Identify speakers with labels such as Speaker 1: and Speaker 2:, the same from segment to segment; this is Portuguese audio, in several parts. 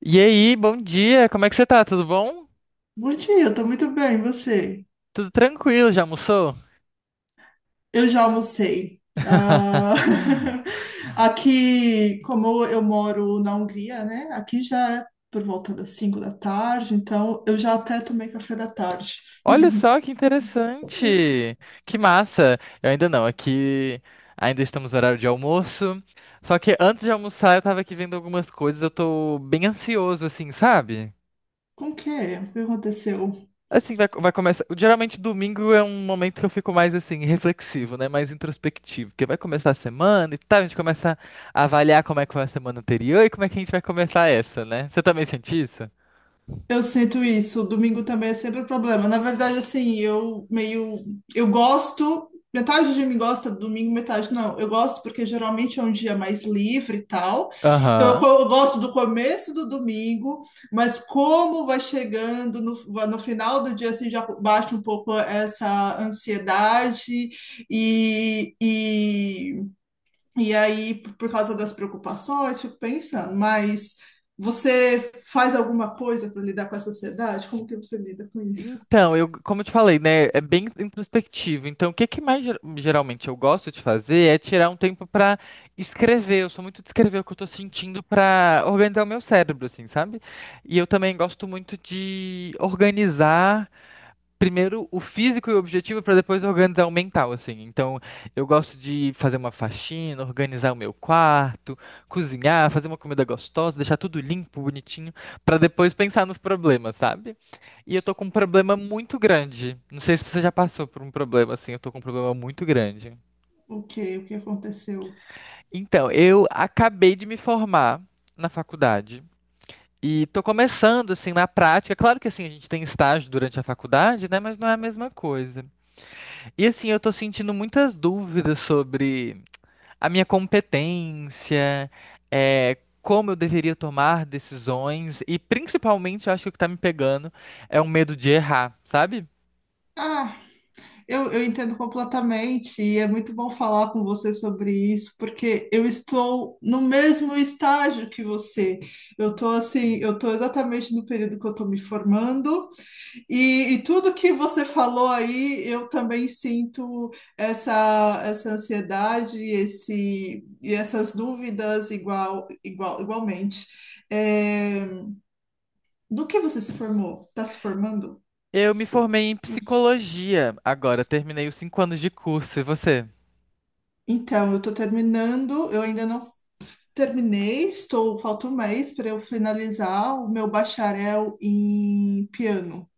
Speaker 1: E aí, bom dia, como é que você tá? Tudo bom?
Speaker 2: Bom dia, eu tô muito bem, e você?
Speaker 1: Tudo tranquilo, já almoçou?
Speaker 2: Eu já almocei. Ah, aqui, como eu moro na Hungria, né? Aqui já é por volta das 5 da tarde, então eu já até tomei café da tarde.
Speaker 1: Olha só que interessante! Que massa! Eu ainda não, aqui ainda estamos no horário de almoço. Só que antes de almoçar, eu tava aqui vendo algumas coisas, eu tô bem ansioso, assim, sabe?
Speaker 2: Com o quê? O que aconteceu?
Speaker 1: Assim, vai começar. Geralmente, domingo é um momento que eu fico mais, assim, reflexivo, né? Mais introspectivo. Porque vai começar a semana e tal, a gente começa a avaliar como é que foi a semana anterior e como é que a gente vai começar essa, né? Você também sente isso?
Speaker 2: Eu sinto isso. O domingo também é sempre o problema. Na verdade, assim, eu meio. Eu gosto. Metade de mim gosta do domingo, metade não. Eu gosto porque geralmente é um dia mais livre e tal. Então, eu,
Speaker 1: Aham.
Speaker 2: eu gosto do começo do domingo, mas como vai chegando no final do dia, assim, já bate um pouco essa ansiedade e, e e aí, por causa das preocupações, fico pensando, mas você faz alguma coisa para lidar com essa ansiedade? Como que você lida com isso?
Speaker 1: Então, como eu te falei, né, é bem introspectivo. Então, o que que mais geralmente eu gosto de fazer é tirar um tempo pra escrever. Eu sou muito de escrever o que eu tô sentindo pra organizar o meu cérebro, assim, sabe? E eu também gosto muito de organizar primeiro o físico e o objetivo para depois organizar o mental, assim. Então, eu gosto de fazer uma faxina, organizar o meu quarto, cozinhar, fazer uma comida gostosa, deixar tudo limpo, bonitinho, para depois pensar nos problemas, sabe? E eu tô com um problema muito grande. Não sei se você já passou por um problema assim, eu tô com um problema muito grande.
Speaker 2: O que aconteceu?
Speaker 1: Então, eu acabei de me formar na faculdade. E tô começando assim na prática. Claro que assim a gente tem estágio durante a faculdade, né, mas não é a mesma coisa. E assim, eu tô sentindo muitas dúvidas sobre a minha competência, é, como eu deveria tomar decisões, e principalmente, eu acho que o que tá me pegando é o medo de errar, sabe?
Speaker 2: Ah, eu entendo completamente, e é muito bom falar com você sobre isso, porque eu estou no mesmo estágio que você. Eu estou assim, eu estou exatamente no período que eu estou me formando. E tudo que você falou aí, eu também sinto essa ansiedade e essas dúvidas igualmente. É, no que você se formou? Está se formando?
Speaker 1: Eu me formei em psicologia agora, terminei os 5 anos de curso, e você?
Speaker 2: Então, eu estou terminando, eu ainda não terminei, estou, falta um mês para eu finalizar o meu bacharel em piano,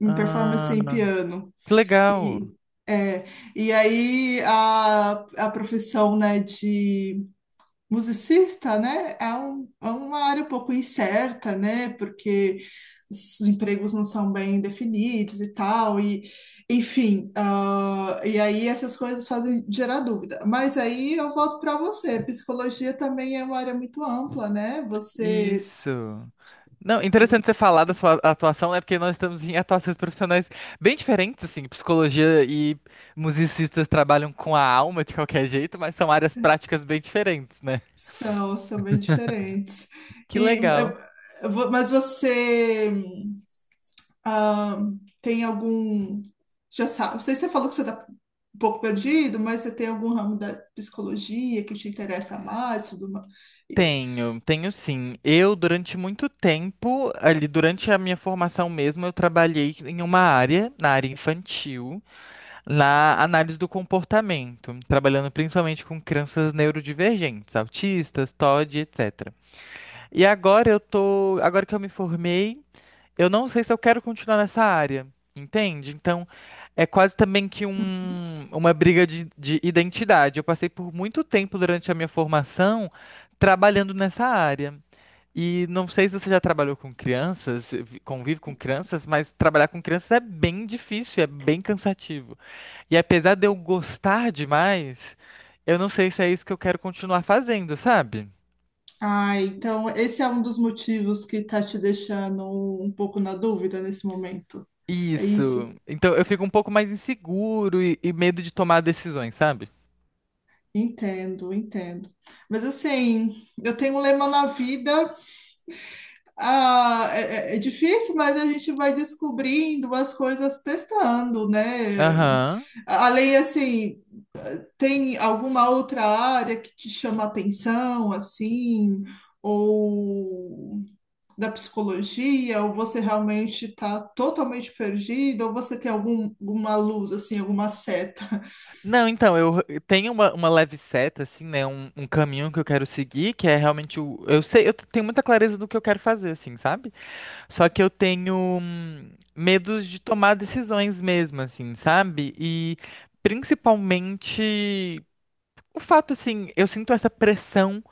Speaker 2: em performance em
Speaker 1: Ah,
Speaker 2: piano.
Speaker 1: que legal.
Speaker 2: E, é, e aí a profissão, né, de musicista, né, é, um, é uma área um pouco incerta, né, porque os empregos não são bem definidos e tal, e enfim, e aí essas coisas fazem gerar dúvida. Mas aí eu volto para você, psicologia também é uma área muito ampla, né, você...
Speaker 1: Isso. Não, interessante você falar da sua atuação, né? Porque nós estamos em atuações profissionais bem diferentes, assim. Psicologia e musicistas trabalham com a alma de qualquer jeito, mas são áreas práticas bem diferentes, né?
Speaker 2: São, são bem diferentes.
Speaker 1: Que
Speaker 2: E,
Speaker 1: legal.
Speaker 2: mas você ah, tem algum. Já sabe, não sei se você falou que você está um pouco perdido, mas você tem algum ramo da psicologia que te interessa mais? Tudo mais?
Speaker 1: Tenho, tenho sim. Eu, durante muito tempo, ali, durante a minha formação mesmo, eu trabalhei em uma área, na área infantil, na análise do comportamento, trabalhando principalmente com crianças neurodivergentes, autistas, TOD, etc. E agora que eu me formei, eu não sei se eu quero continuar nessa área, entende? Então, é quase também que uma briga de identidade. Eu passei por muito tempo durante a minha formação trabalhando nessa área. E não sei se você já trabalhou com crianças, convive com crianças, mas trabalhar com crianças é bem difícil, é bem cansativo. E apesar de eu gostar demais, eu não sei se é isso que eu quero continuar fazendo, sabe?
Speaker 2: Ah, então esse é um dos motivos que está te deixando um pouco na dúvida nesse momento. É
Speaker 1: Isso.
Speaker 2: isso?
Speaker 1: Então eu fico um pouco mais inseguro e medo de tomar decisões, sabe?
Speaker 2: Entendo, entendo. Mas assim, eu tenho um lema na vida. Ah, é, é difícil, mas a gente vai descobrindo as coisas testando, né?
Speaker 1: Aham.
Speaker 2: Além, assim, tem alguma outra área que te chama atenção, assim, ou da psicologia, ou você realmente está totalmente perdido, ou você tem algum, alguma luz, assim, alguma seta?
Speaker 1: Não, então, eu tenho uma leve seta, assim, né? Um caminho que eu quero seguir, que é realmente o. Eu sei, eu tenho muita clareza do que eu quero fazer, assim, sabe? Só que eu tenho medos de tomar decisões mesmo, assim, sabe? E principalmente o fato, assim, eu sinto essa pressão.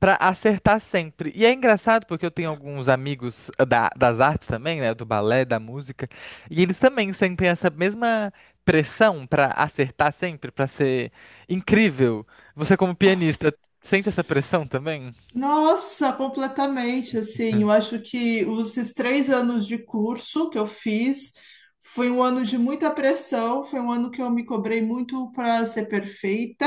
Speaker 1: Pra acertar sempre. E é engraçado porque eu tenho alguns amigos das artes também, né? Do balé, da música. E eles também sentem essa mesma pressão pra acertar sempre, pra ser incrível. Você, como pianista, sente essa pressão também?
Speaker 2: Nossa, completamente, assim,
Speaker 1: Hum.
Speaker 2: eu acho que os esses 3 anos de curso que eu fiz foi um ano de muita pressão, foi um ano que eu me cobrei muito para ser perfeita,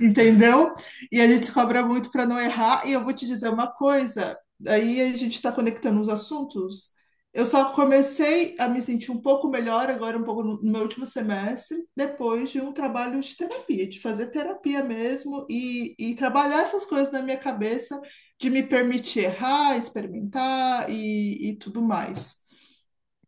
Speaker 2: entendeu? E a gente se cobra muito para não errar. E eu vou te dizer uma coisa, aí a gente está conectando os assuntos. Eu só comecei a me sentir um pouco melhor agora, um pouco no meu último semestre, depois de um trabalho de terapia, de fazer terapia mesmo, e trabalhar essas coisas na minha cabeça, de me permitir errar, experimentar e tudo mais.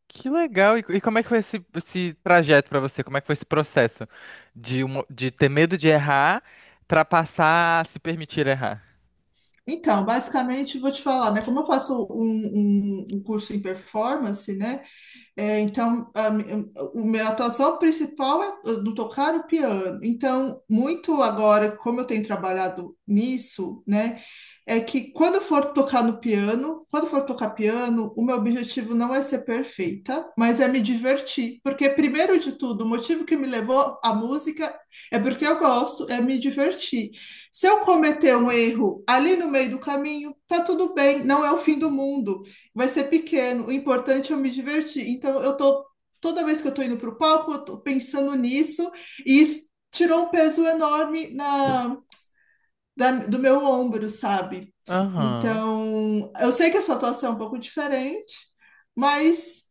Speaker 1: Que legal! E como é que foi esse trajeto pra você? Como é que foi esse processo de ter medo de errar pra passar a se permitir errar?
Speaker 2: Então, basicamente, vou te falar, né? Como eu faço um curso em performance, né? É, então, a, mi- o meu- a atuação principal é no tocar o piano. Então, muito agora, como eu tenho trabalhado nisso, né? É que quando eu for tocar no piano, quando eu for tocar piano, o meu objetivo não é ser perfeita, mas é me divertir. Porque, primeiro de tudo, o motivo que me levou à música é porque eu gosto, é me divertir. Se eu cometer um erro ali no meio do caminho, tá tudo bem, não é o fim do mundo, vai ser pequeno. O importante é eu me divertir. Então, eu tô. Toda vez que eu tô indo pro palco, eu tô pensando nisso, e isso tirou um peso enorme do meu ombro, sabe?
Speaker 1: Aham.
Speaker 2: Então, eu sei que a sua atuação é um pouco diferente, mas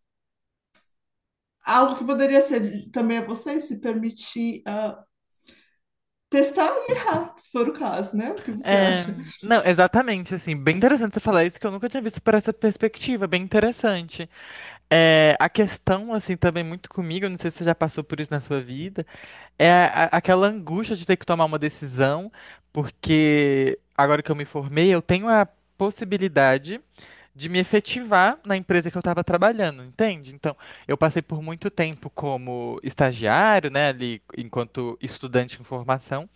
Speaker 2: algo que poderia ser também a você é se permitir testar e errar, se for o caso, né? O que você
Speaker 1: É,
Speaker 2: acha?
Speaker 1: não, exatamente, assim, bem interessante você falar isso, que eu nunca tinha visto por essa perspectiva, bem interessante. É, a questão, assim, também muito comigo, eu não sei se você já passou por isso na sua vida, aquela angústia de ter que tomar uma decisão, porque agora que eu me formei, eu tenho a possibilidade de me efetivar na empresa que eu estava trabalhando, entende? Então, eu passei por muito tempo como estagiário, né, ali enquanto estudante em formação,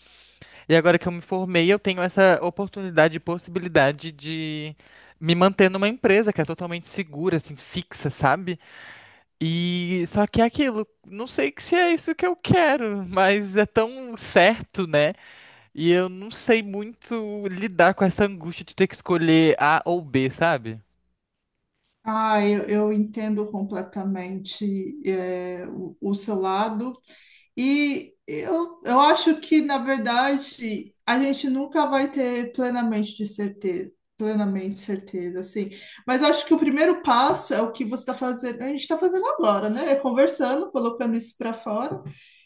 Speaker 1: e agora que eu me formei, eu tenho essa oportunidade e possibilidade de me manter numa empresa que é totalmente segura, assim, fixa, sabe? E só que é aquilo, não sei que se é isso que eu quero, mas é tão certo, né? E eu não sei muito lidar com essa angústia de ter que escolher A ou B, sabe?
Speaker 2: Ah, eu entendo completamente, é, o seu lado. E eu acho que, na verdade, a gente nunca vai ter plenamente de certeza, plenamente certeza, assim. Mas eu acho que o primeiro passo é o que você está fazendo, a gente está fazendo agora, né? É conversando, colocando isso para fora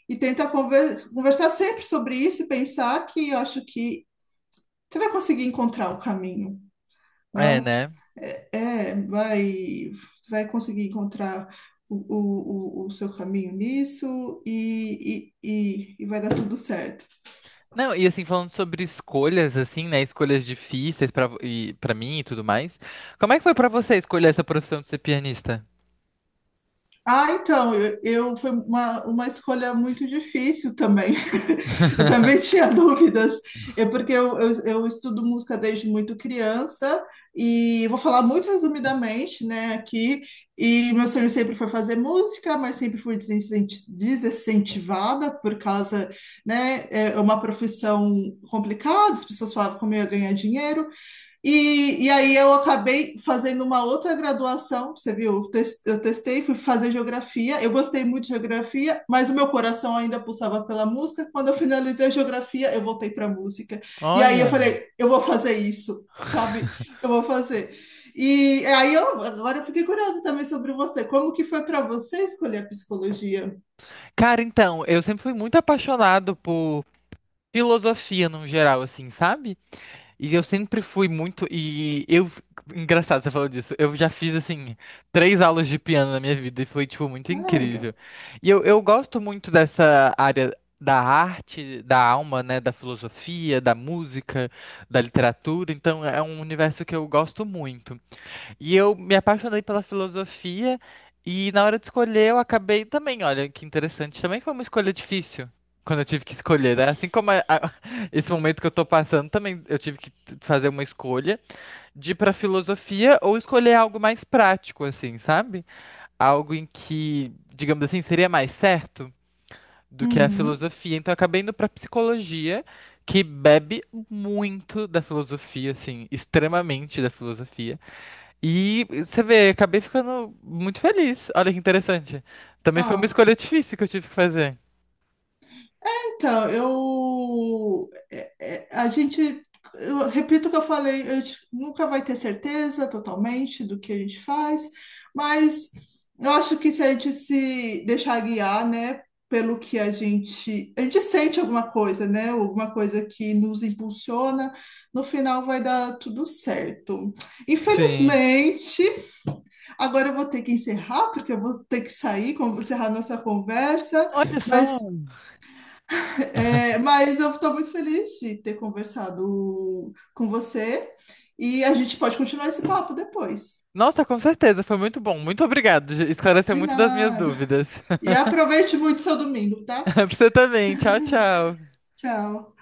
Speaker 2: e tentar conversar sempre sobre isso, e pensar que eu acho que você vai conseguir encontrar o caminho,
Speaker 1: É,
Speaker 2: não?
Speaker 1: né?
Speaker 2: É, vai, conseguir encontrar o seu caminho nisso e vai dar tudo certo.
Speaker 1: Não, e assim, falando sobre escolhas, assim, né? Escolhas difíceis pra mim e tudo mais. Como é que foi pra você escolher essa profissão de ser pianista?
Speaker 2: Ah, então, eu, foi uma escolha muito difícil também. Eu também tinha dúvidas. É porque eu, eu estudo música desde muito criança, e vou falar muito resumidamente, né, aqui. E meu sonho sempre foi fazer música, mas sempre fui desincentivada por causa, né, é uma profissão complicada, as pessoas falavam como eu ia ganhar dinheiro. Aí eu acabei fazendo uma outra graduação, você viu? Eu testei, fui fazer geografia. Eu gostei muito de geografia, mas o meu coração ainda pulsava pela música. Quando eu finalizei a geografia, eu voltei para a música. E aí eu
Speaker 1: Olha.
Speaker 2: falei, eu vou fazer isso, sabe? Eu vou fazer. E aí eu agora eu fiquei curiosa também sobre você. Como que foi para você escolher a psicologia?
Speaker 1: Cara, então, eu sempre fui muito apaixonado por filosofia no geral, assim, sabe? E eu sempre fui muito. E eu. Engraçado você falou disso. Eu já fiz, assim, três aulas de piano na minha vida e foi, tipo, muito
Speaker 2: Ah,
Speaker 1: incrível.
Speaker 2: legal.
Speaker 1: E eu gosto muito dessa área da arte, da alma, né? Da filosofia, da música, da literatura. Então, é um universo que eu gosto muito. E eu me apaixonei pela filosofia e na hora de escolher eu acabei também, olha, que interessante, também foi uma escolha difícil. Quando eu tive que escolher, né? Assim como esse momento que eu tô passando, também eu tive que fazer uma escolha de ir pra filosofia ou escolher algo mais prático, assim, sabe? Algo em que, digamos assim, seria mais certo do que a
Speaker 2: Uhum.
Speaker 1: filosofia. Então eu acabei indo pra psicologia, que bebe muito da filosofia, assim, extremamente da filosofia. E você vê, acabei ficando muito feliz. Olha que interessante. Também foi uma
Speaker 2: Ah,
Speaker 1: escolha difícil que eu tive que fazer.
Speaker 2: então, eu. A gente. Eu repito o que eu falei, a gente nunca vai ter certeza totalmente do que a gente faz, mas eu acho que se a gente se deixar guiar, né, pelo que a gente. A gente sente alguma coisa, né, alguma coisa que nos impulsiona, no final vai dar tudo certo.
Speaker 1: Sim.
Speaker 2: Infelizmente, agora eu vou ter que encerrar, porque eu vou ter que sair, como encerrar nossa conversa.
Speaker 1: Olha só.
Speaker 2: Mas mas eu estou muito feliz de ter conversado com você, e a gente pode continuar esse papo depois.
Speaker 1: Nossa, com certeza, foi muito bom. Muito obrigado. Esclareceu
Speaker 2: De
Speaker 1: muito das minhas
Speaker 2: nada.
Speaker 1: dúvidas.
Speaker 2: E aproveite muito seu domingo, tá?
Speaker 1: Pra você também. Tchau, tchau.
Speaker 2: Tchau.